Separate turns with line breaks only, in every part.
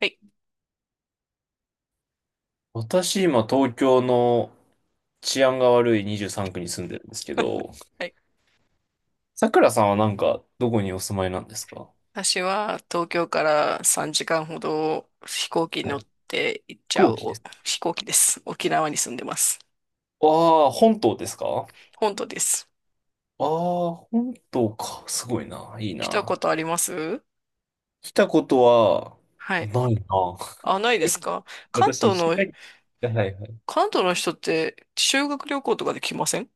はい。
私、今、東京の治安が悪い23区に住んでるんですけど、
はい、
さくらさんはなんか、どこにお住まいなんですか？
私は東京から3時間ほど飛行機に
は
乗っ
い。
て行っちゃう
後期で
お
す。
飛行機です。沖縄に住んでます。
ああ、本島ですか？
本土です。
ああー、本島か。すごいな。いい
来たこ
な。
とあります？
来たことは、
はい。
ないな。
あ、ないですか？ 関
私、
東
石
の、
垣、はいはいはい。
関東の人って修学旅行とかで来ません？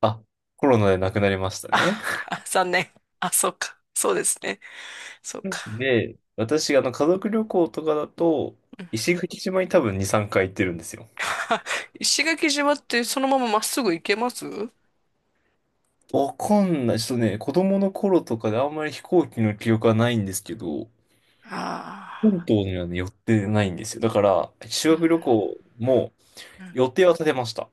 あ、コロナで亡くなりました
あ、
ね。
あ 残念。あ、そうか。そうですね。そうか。
で、私、家族旅行とかだと、
うん。
石垣島に多分2、3回行ってるんですよ。
石垣島ってそのまままっすぐ行けます？
わかんない。ちょっとね、子供の頃とかであんまり飛行機の記憶はないんですけど、
あ
本島にはね、寄ってないんですよ。だから、修学旅
あ
行も
ー。う
予
ん
定は立てました。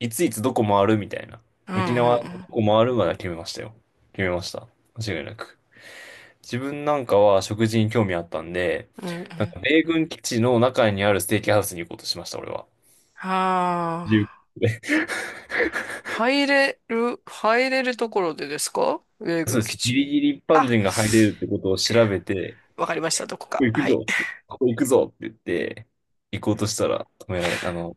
いついつどこ回るみたいな。
うんう
沖縄のど
ん
こ回るまでは決めましたよ。決めました。間違いなく。自分なんかは食事に興味あったんで、
うん、うんうん
な
う
んか
ん、
米軍基地の中にあるステーキハウスに行こうとしました、俺は。
あ
自由
あ、
で、
入れる、入れるところでですか、米
そう
軍
で
基
す。ギ
地。
リギリ一般
あ、
人が入れるってことを調べて、
わかりました、どこ
ここ
か。
行く
はい。
ぞって、ここ行くぞって言って、行こうとしたら止められ、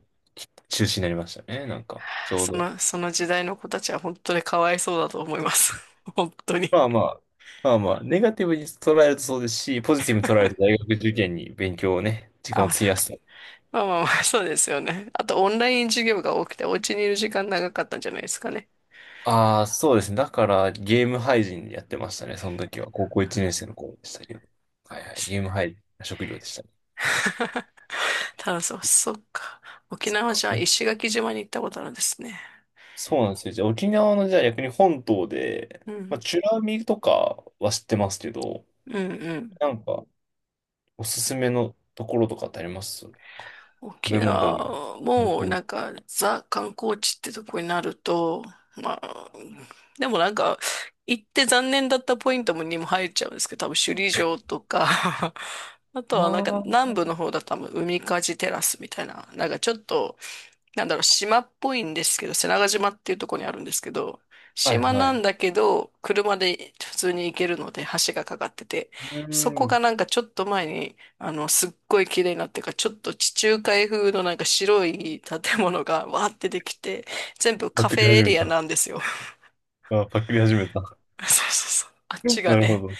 中止になりましたね、なんか、ちょう
そ
ど。
の、その時代の子たちは本当にかわいそうだと思います。本当に。
まあまあ、まあまあ、ネガティブに捉えるとそうですし、ポジティブに捉えると大学受験に勉強をね、時間を
あ、
費やすと。
まあまあまあ、そうですよね。あと、オンライン授業が多くて、お家にいる時間長かったんじゃないですかね。
ああ、そうですね。だから、ゲーム配信やってましたね、その時は。高校1年生の頃でしたけど。はいはい、ゲーム配信、職業でしたね。
ただ、そう、そっか。沖
そっ
縄
か。
じゃあ石垣島に行ったことあるんですね。
そうなんですよ。じゃあ、沖縄の、じゃあ逆に本島で、
う
まあ、
ん。
美ら海とかは知ってますけど、
うんうん、
なんか、おすすめのところとかってありますなんか？食
沖
べ物でもいい。
縄
観
も
光
ザ観光地ってとこになると、まあ、でも行って残念だったポイントもにも入っちゃうんですけど、多分首里城とか。 あとは
も。
南部の方だと多分海かじテラスみたいな、なんかちょっと、なんだろう、島っぽいんですけど、瀬長島っていうところにあるんですけど、
ああ、
島
はい
な
は
んだ
い。
けど、車で普通に行けるので、橋がかかってて、
う
そ
ー
こが
ん。
ちょっと前に、すっごい綺麗になってから、ちょっと地中海風の白い建物がわーってできて、全部
パ
カ
ク
フェ
リ
エ
始め
リア
た。
なんですよ。
あ、パクリ始めた。
そうそうそう。あっち が
なるほ
ね、
ど。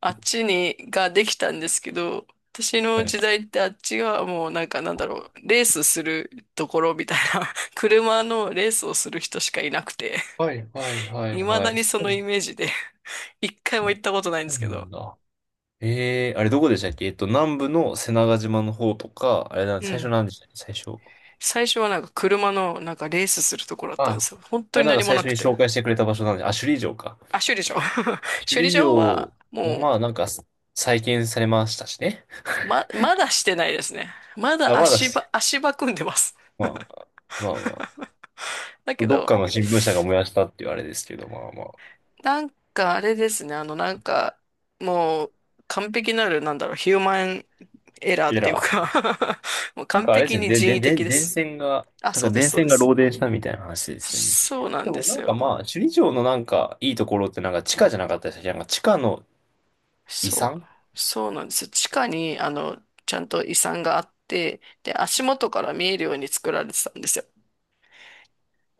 あっちに、ができたんですけど、私
は
の
い。
時代ってあっちがもうなんだろう、レースするところみたいな、車のレースをする人しかいなくて、
はいはいはい
未
は
だ
い。
に
そ
そのイ
う。
メージで、一回も
あ、
行ったことないんで
そうな
すけど、
んだ。ええー、あれどこでしたっけ？南部の瀬長島の方とか、あれ、なん、
う
最初
ん。
なんでしたっけ、最初。
最初は車のレースするところだったんで
あ、
すよ。本
い
当
や、
に
なんか
何も
最
な
初に
くて。
紹介してくれた場所なんで、あ、首里城か。
あ、修理場。
首
修理
里
場は
城は
も
まあなんか再建されましたしね。
う、ま、まだしてないですね。ま
あ、
だ
まだ
足
し
場、
て、
足場組んでます。
まあまあまあま、
だけ
どっ
ど、
かの新聞社が燃やしたっていうあれですけど、まあまあ。
なんかあれですね、もう完璧なる、なんだろう、ヒューマンエラーっ
エ
て
ラ
いう
ー。
か もう
なん
完
かあれで
璧
すね、
に
で、
人
で、
為
で、
的で
電
す。
線が、
あ、
なん
そ
か
うで
電
す、そう
線
で
が
す。
漏電したみたいな話ですよね。
そうなん
で
で
もな
す
んか
よ。
まあ、首里城のなんかいいところってなんか地下じゃなかったでしたっけ？なんか地下の遺
そ
産。
う、そうなんですよ。地下に、ちゃんと遺産があって、で、足元から見えるように作られてたんですよ。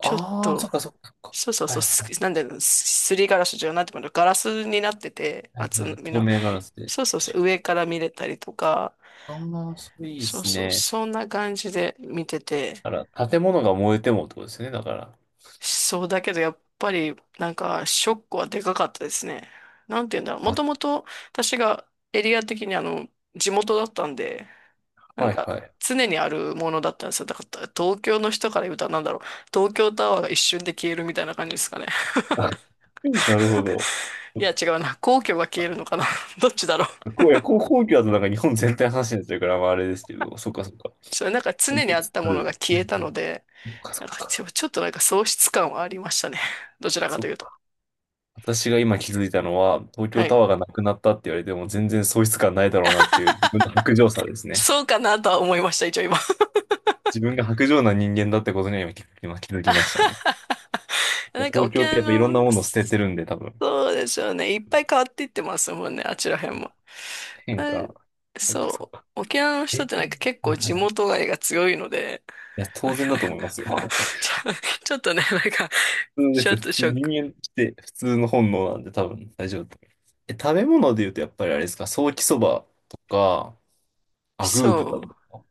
ちょっ
あー、そ
と、
っかそっかそっか。
そうそう
は
そう、
い
す
は
なんで、すりガラスじゃなくてもガラスになってて、
いは
厚
いはい。
み
透
の、
明ガラスで。
そうそうそう、上から見れたりとか、
ああ、それいいで
そう
す
そう、
ね。
そんな感じで見てて、
だから、建物が燃えてもってことですよね、だから。
そうだけどやっぱりなんかショックはでかかったですね。なんて言うんだろう。も
あ、
ともと私がエリア的に地元だったんで、なん
はいは
か
い。
常にあるものだったんですよ。だから東京の人から言うとなんだろう。東京タワーが一瞬で消えるみたいな感じですかね。
なるほど。
いや違うな。皇居が消えるのかな。どっちだろう。
こう、いや、こう、皇居だとなんか日本全体の話になっちゃうから、まああれですけど、そっかそっか。
それ、なんか
思
常に
い
あっ
つつ、
たものが消えたので、
そっかそ
な
っ
んかち
か。
ょ、ちょっと喪失感はありましたね。どちらか
そ
と
っ
いうと。
か。私が今気づいたのは、東京
はい。
タワーがなくなったって言われても全然喪失感ないだろうなっていう自分の薄情さ ですね。
そうかなとは思いました、一応今。
自分が薄情な人間だってことには今気づきましたね。
なんか
東
沖
京って
縄
やっぱいろん
の、
なものを捨ててるんで、多分。
そうでしょうね。いっぱい変わっていってますもんね、あちら辺も。
変
ま
化。
あ、
そっかそっ
そ
か。
う。沖縄の人っ
え
てな
え、
んか結構地
はい。い
元愛が強いので、
や、
な
当
ん
然
か
だと思います よ。
ちょ、ちょっとね、なんか、
普通で
ちょ
す。
っ
普
と
通、
ショッ
人
ク。
間って普通の本能なんで多分大丈夫だと思います。食べ物で言うとやっぱりあれですか、ソーキそばとか、アグー豚と
そう。
か。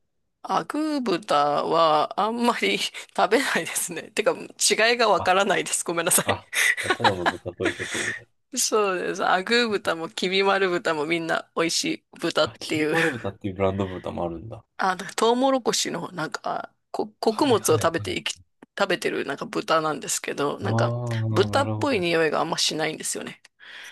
アグー豚はあんまり食べないですね。てか、違いがわか
あ、
らないです。ごめんなさい。
あ、ただの豚ということで。
そうです。アグー豚もきび丸豚もみんな美味しい豚っ
あ、
て
キビ
いう。
丸豚っていうブランド豚もあるんだ。
トウモロコシのこ、穀
はい
物を
はい
食べ
は
て
い。
いき、食べてるなんか豚なんですけど、
ああ、
なんか豚
な
っ
るほ
ぽい
ど。
匂いがあんましないんですよね。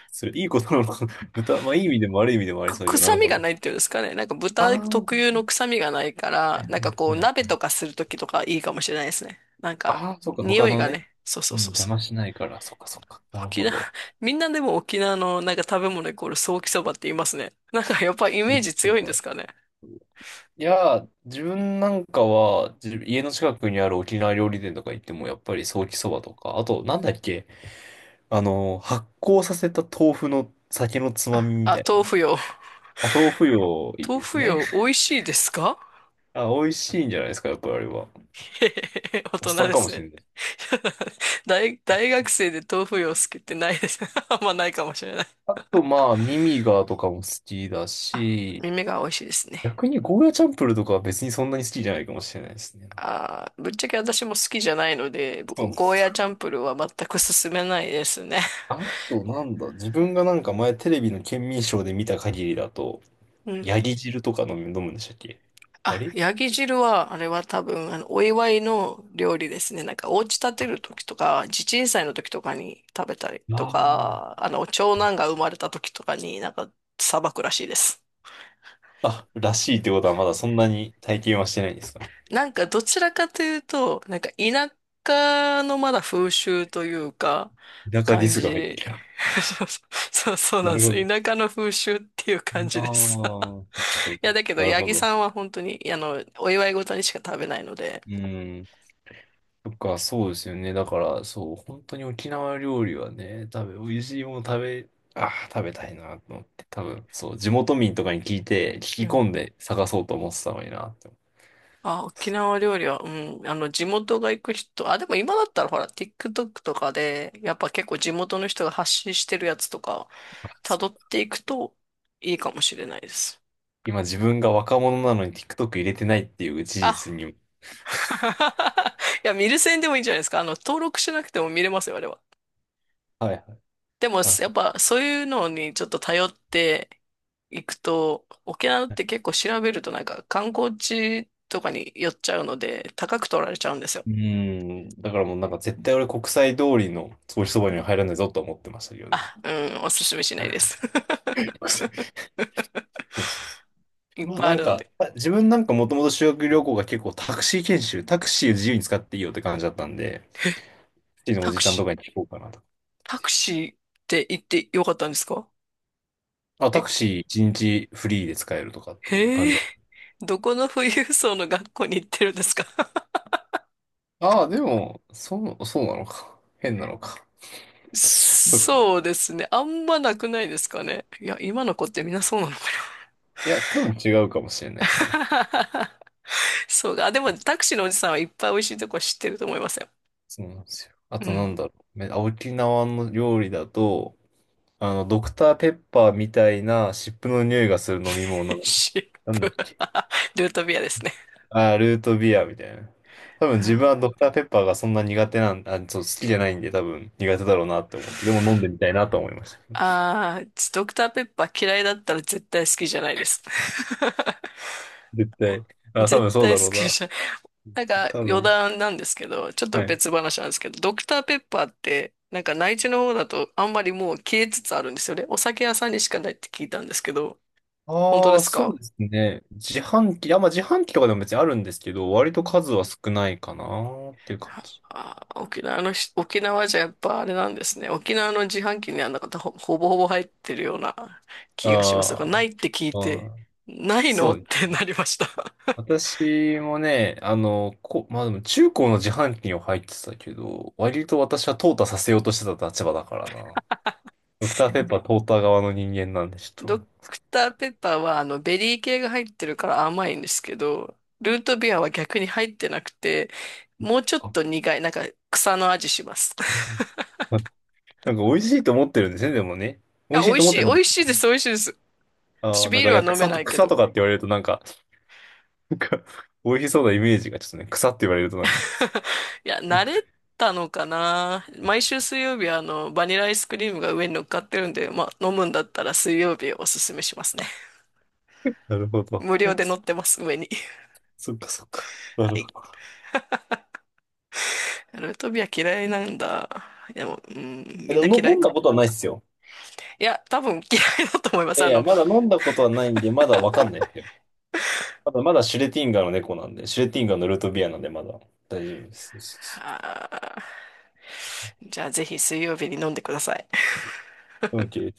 それ、いいことなのかな。豚、まあいい意味でも悪い意味でもあり
く、
そうよ。な
臭
る
み
ほ
が
ど。
ないっていうんですかね。なんか
あ
豚
あ、
特
は
有の臭みがないか
い
ら、
はい
なんかこう
はい
鍋
はい。
とかするときとかいいかもしれないですね。なんか
ああ、そっか、
匂
他
い
の
が
ね。
ね、そうそ
う
う
ん、
そう
邪
そう。
魔しないから、そっかそっか。なる
沖
ほ
縄、
ど。
みんなでも沖縄のなんか食べ物イコールソーキそばって言いますね。なんかやっぱイメージ強いんですかね。
いやー、自分なんかは、自家の近くにある沖縄料理店とか行っても、やっぱりソーキそばとか、あと、なんだっけ、発酵させた豆腐の酒のつまみみ
あ、
たい
豆
な。
腐よ。
あ、豆腐よ、いい
豆
です
腐
ね。
よ、美 味しいですか？
あ、美味しいんじゃないですか、やっぱりあれは。
へへ、へへ 大
おっ
人
さん
で
かも
す
し
ね。
れない。
大、大学生で豆腐よ好きってないです。あんまないかもしれない。
あと、まあ、ミミガーとかも好きだ
あ、
し、
耳が美味しいですね。
逆にゴーヤチャンプルとかは別にそんなに好きじゃないかもしれないですね。
あー、ぶっちゃけ私も好きじゃないので、
そうで
ゴー
す。
ヤーチャンプルーは全く勧めないですね。
あと、なんだ、自分がなんか前テレビの県民ショーで見た限りだと、
うん、
ヤギ汁とか飲むんでしたっけ？あ
あ、
れ、
ヤギ汁は、あれは多分、お祝いの料理ですね。なんか、お家建てる時とか、地鎮祭の時とかに食べたりと
ああ、
か、長
ね、
男が生まれた時とかになんか、さばくらしいです。
あ、らしいってことはまだそんなに体験はしてないんですか？
なんか、どちらかというと、なんか、田舎のまだ風習というか、
田舎ディ
感
スが入って
じ。
きた。
そうそう、そ うなん
な
で
る
す。
ほど。
田舎の風習っていう感
あ
じ
あ、
です。
そうか、そう
い
か。
や、だけど、
なる
八
ほ
木
ど。
さんは本当に、お祝い事にしか食べないので、
うん。そっか、そうですよね。だから、そう、本当に沖縄料理はね、多分、美味しいもの食べ、ああ、食べたいなと思って、多分、そう、地元民とかに聞いて、聞
う
き
ん、
込んで探そうと思ってたのになって思っ
あ、沖縄料理は、うん、地元が行く人、あ、でも今だったらほら、TikTok とかで、やっぱ結構地元の人が発信してるやつとか、
た。そ
辿っ
う、
ていくといいかもしれないです。
今、自分が若者なのに TikTok 入れてないっていう事
あ、
実に。
いや、見る専でもいいんじゃないですか。登録しなくても見れますよ、あれは。
はいはい。
でも、
なる
や
ほ
っ
ど。
ぱそういうのにちょっと頼っていくと、沖縄って結構調べるとなんか観光地とかに寄っちゃうので、高く取られちゃうんですよ。
うん。だからもうなんか絶対俺国際通りのソーそばには入らないぞとは思ってましたけどね。
あ、うん、おすすめしないです。
そうそうそう。
いっ
まあ
ぱい
な
あ
ん
るの
か、
で。
あ、自分なんかもともと修学旅行が結構タクシー研修、タクシーを自由に使っていいよって感じだったんで、タクシーのお
タ
じ
ク
ちゃんと
シ
かに聞こうかなと。
ー、タクシーって行ってよかったんですか？
あ、タ
え、
クシー一日フリーで使えるとかっていう感
へ
じ
え、
だ。
どこの富裕層の学校に行ってるんですか？
ああ、でも、そう、そうなのか。変なのか。うん。
そうですね。あんまなくないですかね。いや、今の子ってみんなそうなのか
いや、多分違うかもしれないですね。
な。 そうか。あでも、タクシーのおじさんはいっぱい美味しいとこ知ってると思いますよ。
そうなんですよ。あ
う
とな
ん。
んだろう。沖縄の料理だと、ドクターペッパーみたいな湿布の匂いがする飲み物。
シッ
なんだっ
プ。
け。
ルートビアですね。
あー、ルートビアみたいな。多分自分はドクターペッパーがそんな苦手なん、あ、そう、好きじゃないんで多分苦手だろうなって思って。でも飲んでみたいなと思いました。
ああー、ドクターペッパー嫌いだったら絶対好きじゃないです。
絶対。あ、多
絶
分そう
対
だ
好
ろう
き
な。
じゃん。なんか
多
余
分。
談なんですけど、ちょっと
はい。
別話なんですけど、ドクターペッパーって、なんか内地の方だとあんまりもう消えつつあるんですよね。お酒屋さんにしかないって聞いたんですけど、本当
あ
で
あ、
す
そう
か？
ですね。自販機、あ、まあ自販機とかでも別にあるんですけど、割
う
と
ん、
数は少ないかなっていう感
あ
じ。
あ、沖縄のし、沖縄じゃやっぱあれなんですね。沖縄の自販機にはなんかほ、ほぼほぼ入ってるような気がします。が
あ
ない
ー
って聞い
あ
て、
ー、
ないの
そ
っ
うですね。
てなりました。
私もね、まあでも中高の自販機には入ってたけど、割と私は淘汰させようとしてた立場だからな。ドクターペッパー淘汰側の人間なんで、ちょっ
ド
と。
クターペッパーはベリー系が入ってるから甘いんですけど、ルートビアは逆に入ってなくて、もうちょっ
あ、
と苦い、なんか草の味します。
ま、なんか美味しいと思ってるんですね、でもね。
い
美
や、
味し
美
い
味
と思
し
っ
い、
て
美
るんで。
味しいです、美味しいです。
あ
私
あ、な
ビ
ん
ー
か、
ル
い
は
や、
飲め
草
な
と、
いけ
草
ど。
とかって言われるとなんか、なんか、美味しそうなイメージがちょっとね、草って言われるとなんか、
いや、慣 れたのかな。毎週水曜日はバニラアイスクリームが上に乗っかってるんで、まあ飲むんだったら水曜日おすすめしますね。
なるほど。
無料で乗ってます、上に。
そっかそっか。な
は
る
い。
ほど。
ルートビア嫌いなんだ。でも、うん、
え、
みん
で
な
も、
嫌
の
い、
飲んだことはないっすよ。
いや、多分嫌いだと思いま
い
す。
やいや、まだ飲んだことはないんで、まだわかんないですよ。まだまだシュレティンガーの猫なんで、シュレティンガーのルートビアなんでまだ大丈夫です。そうそうそ
あー、じゃあぜひ水曜日に飲んでください。
う、 OK。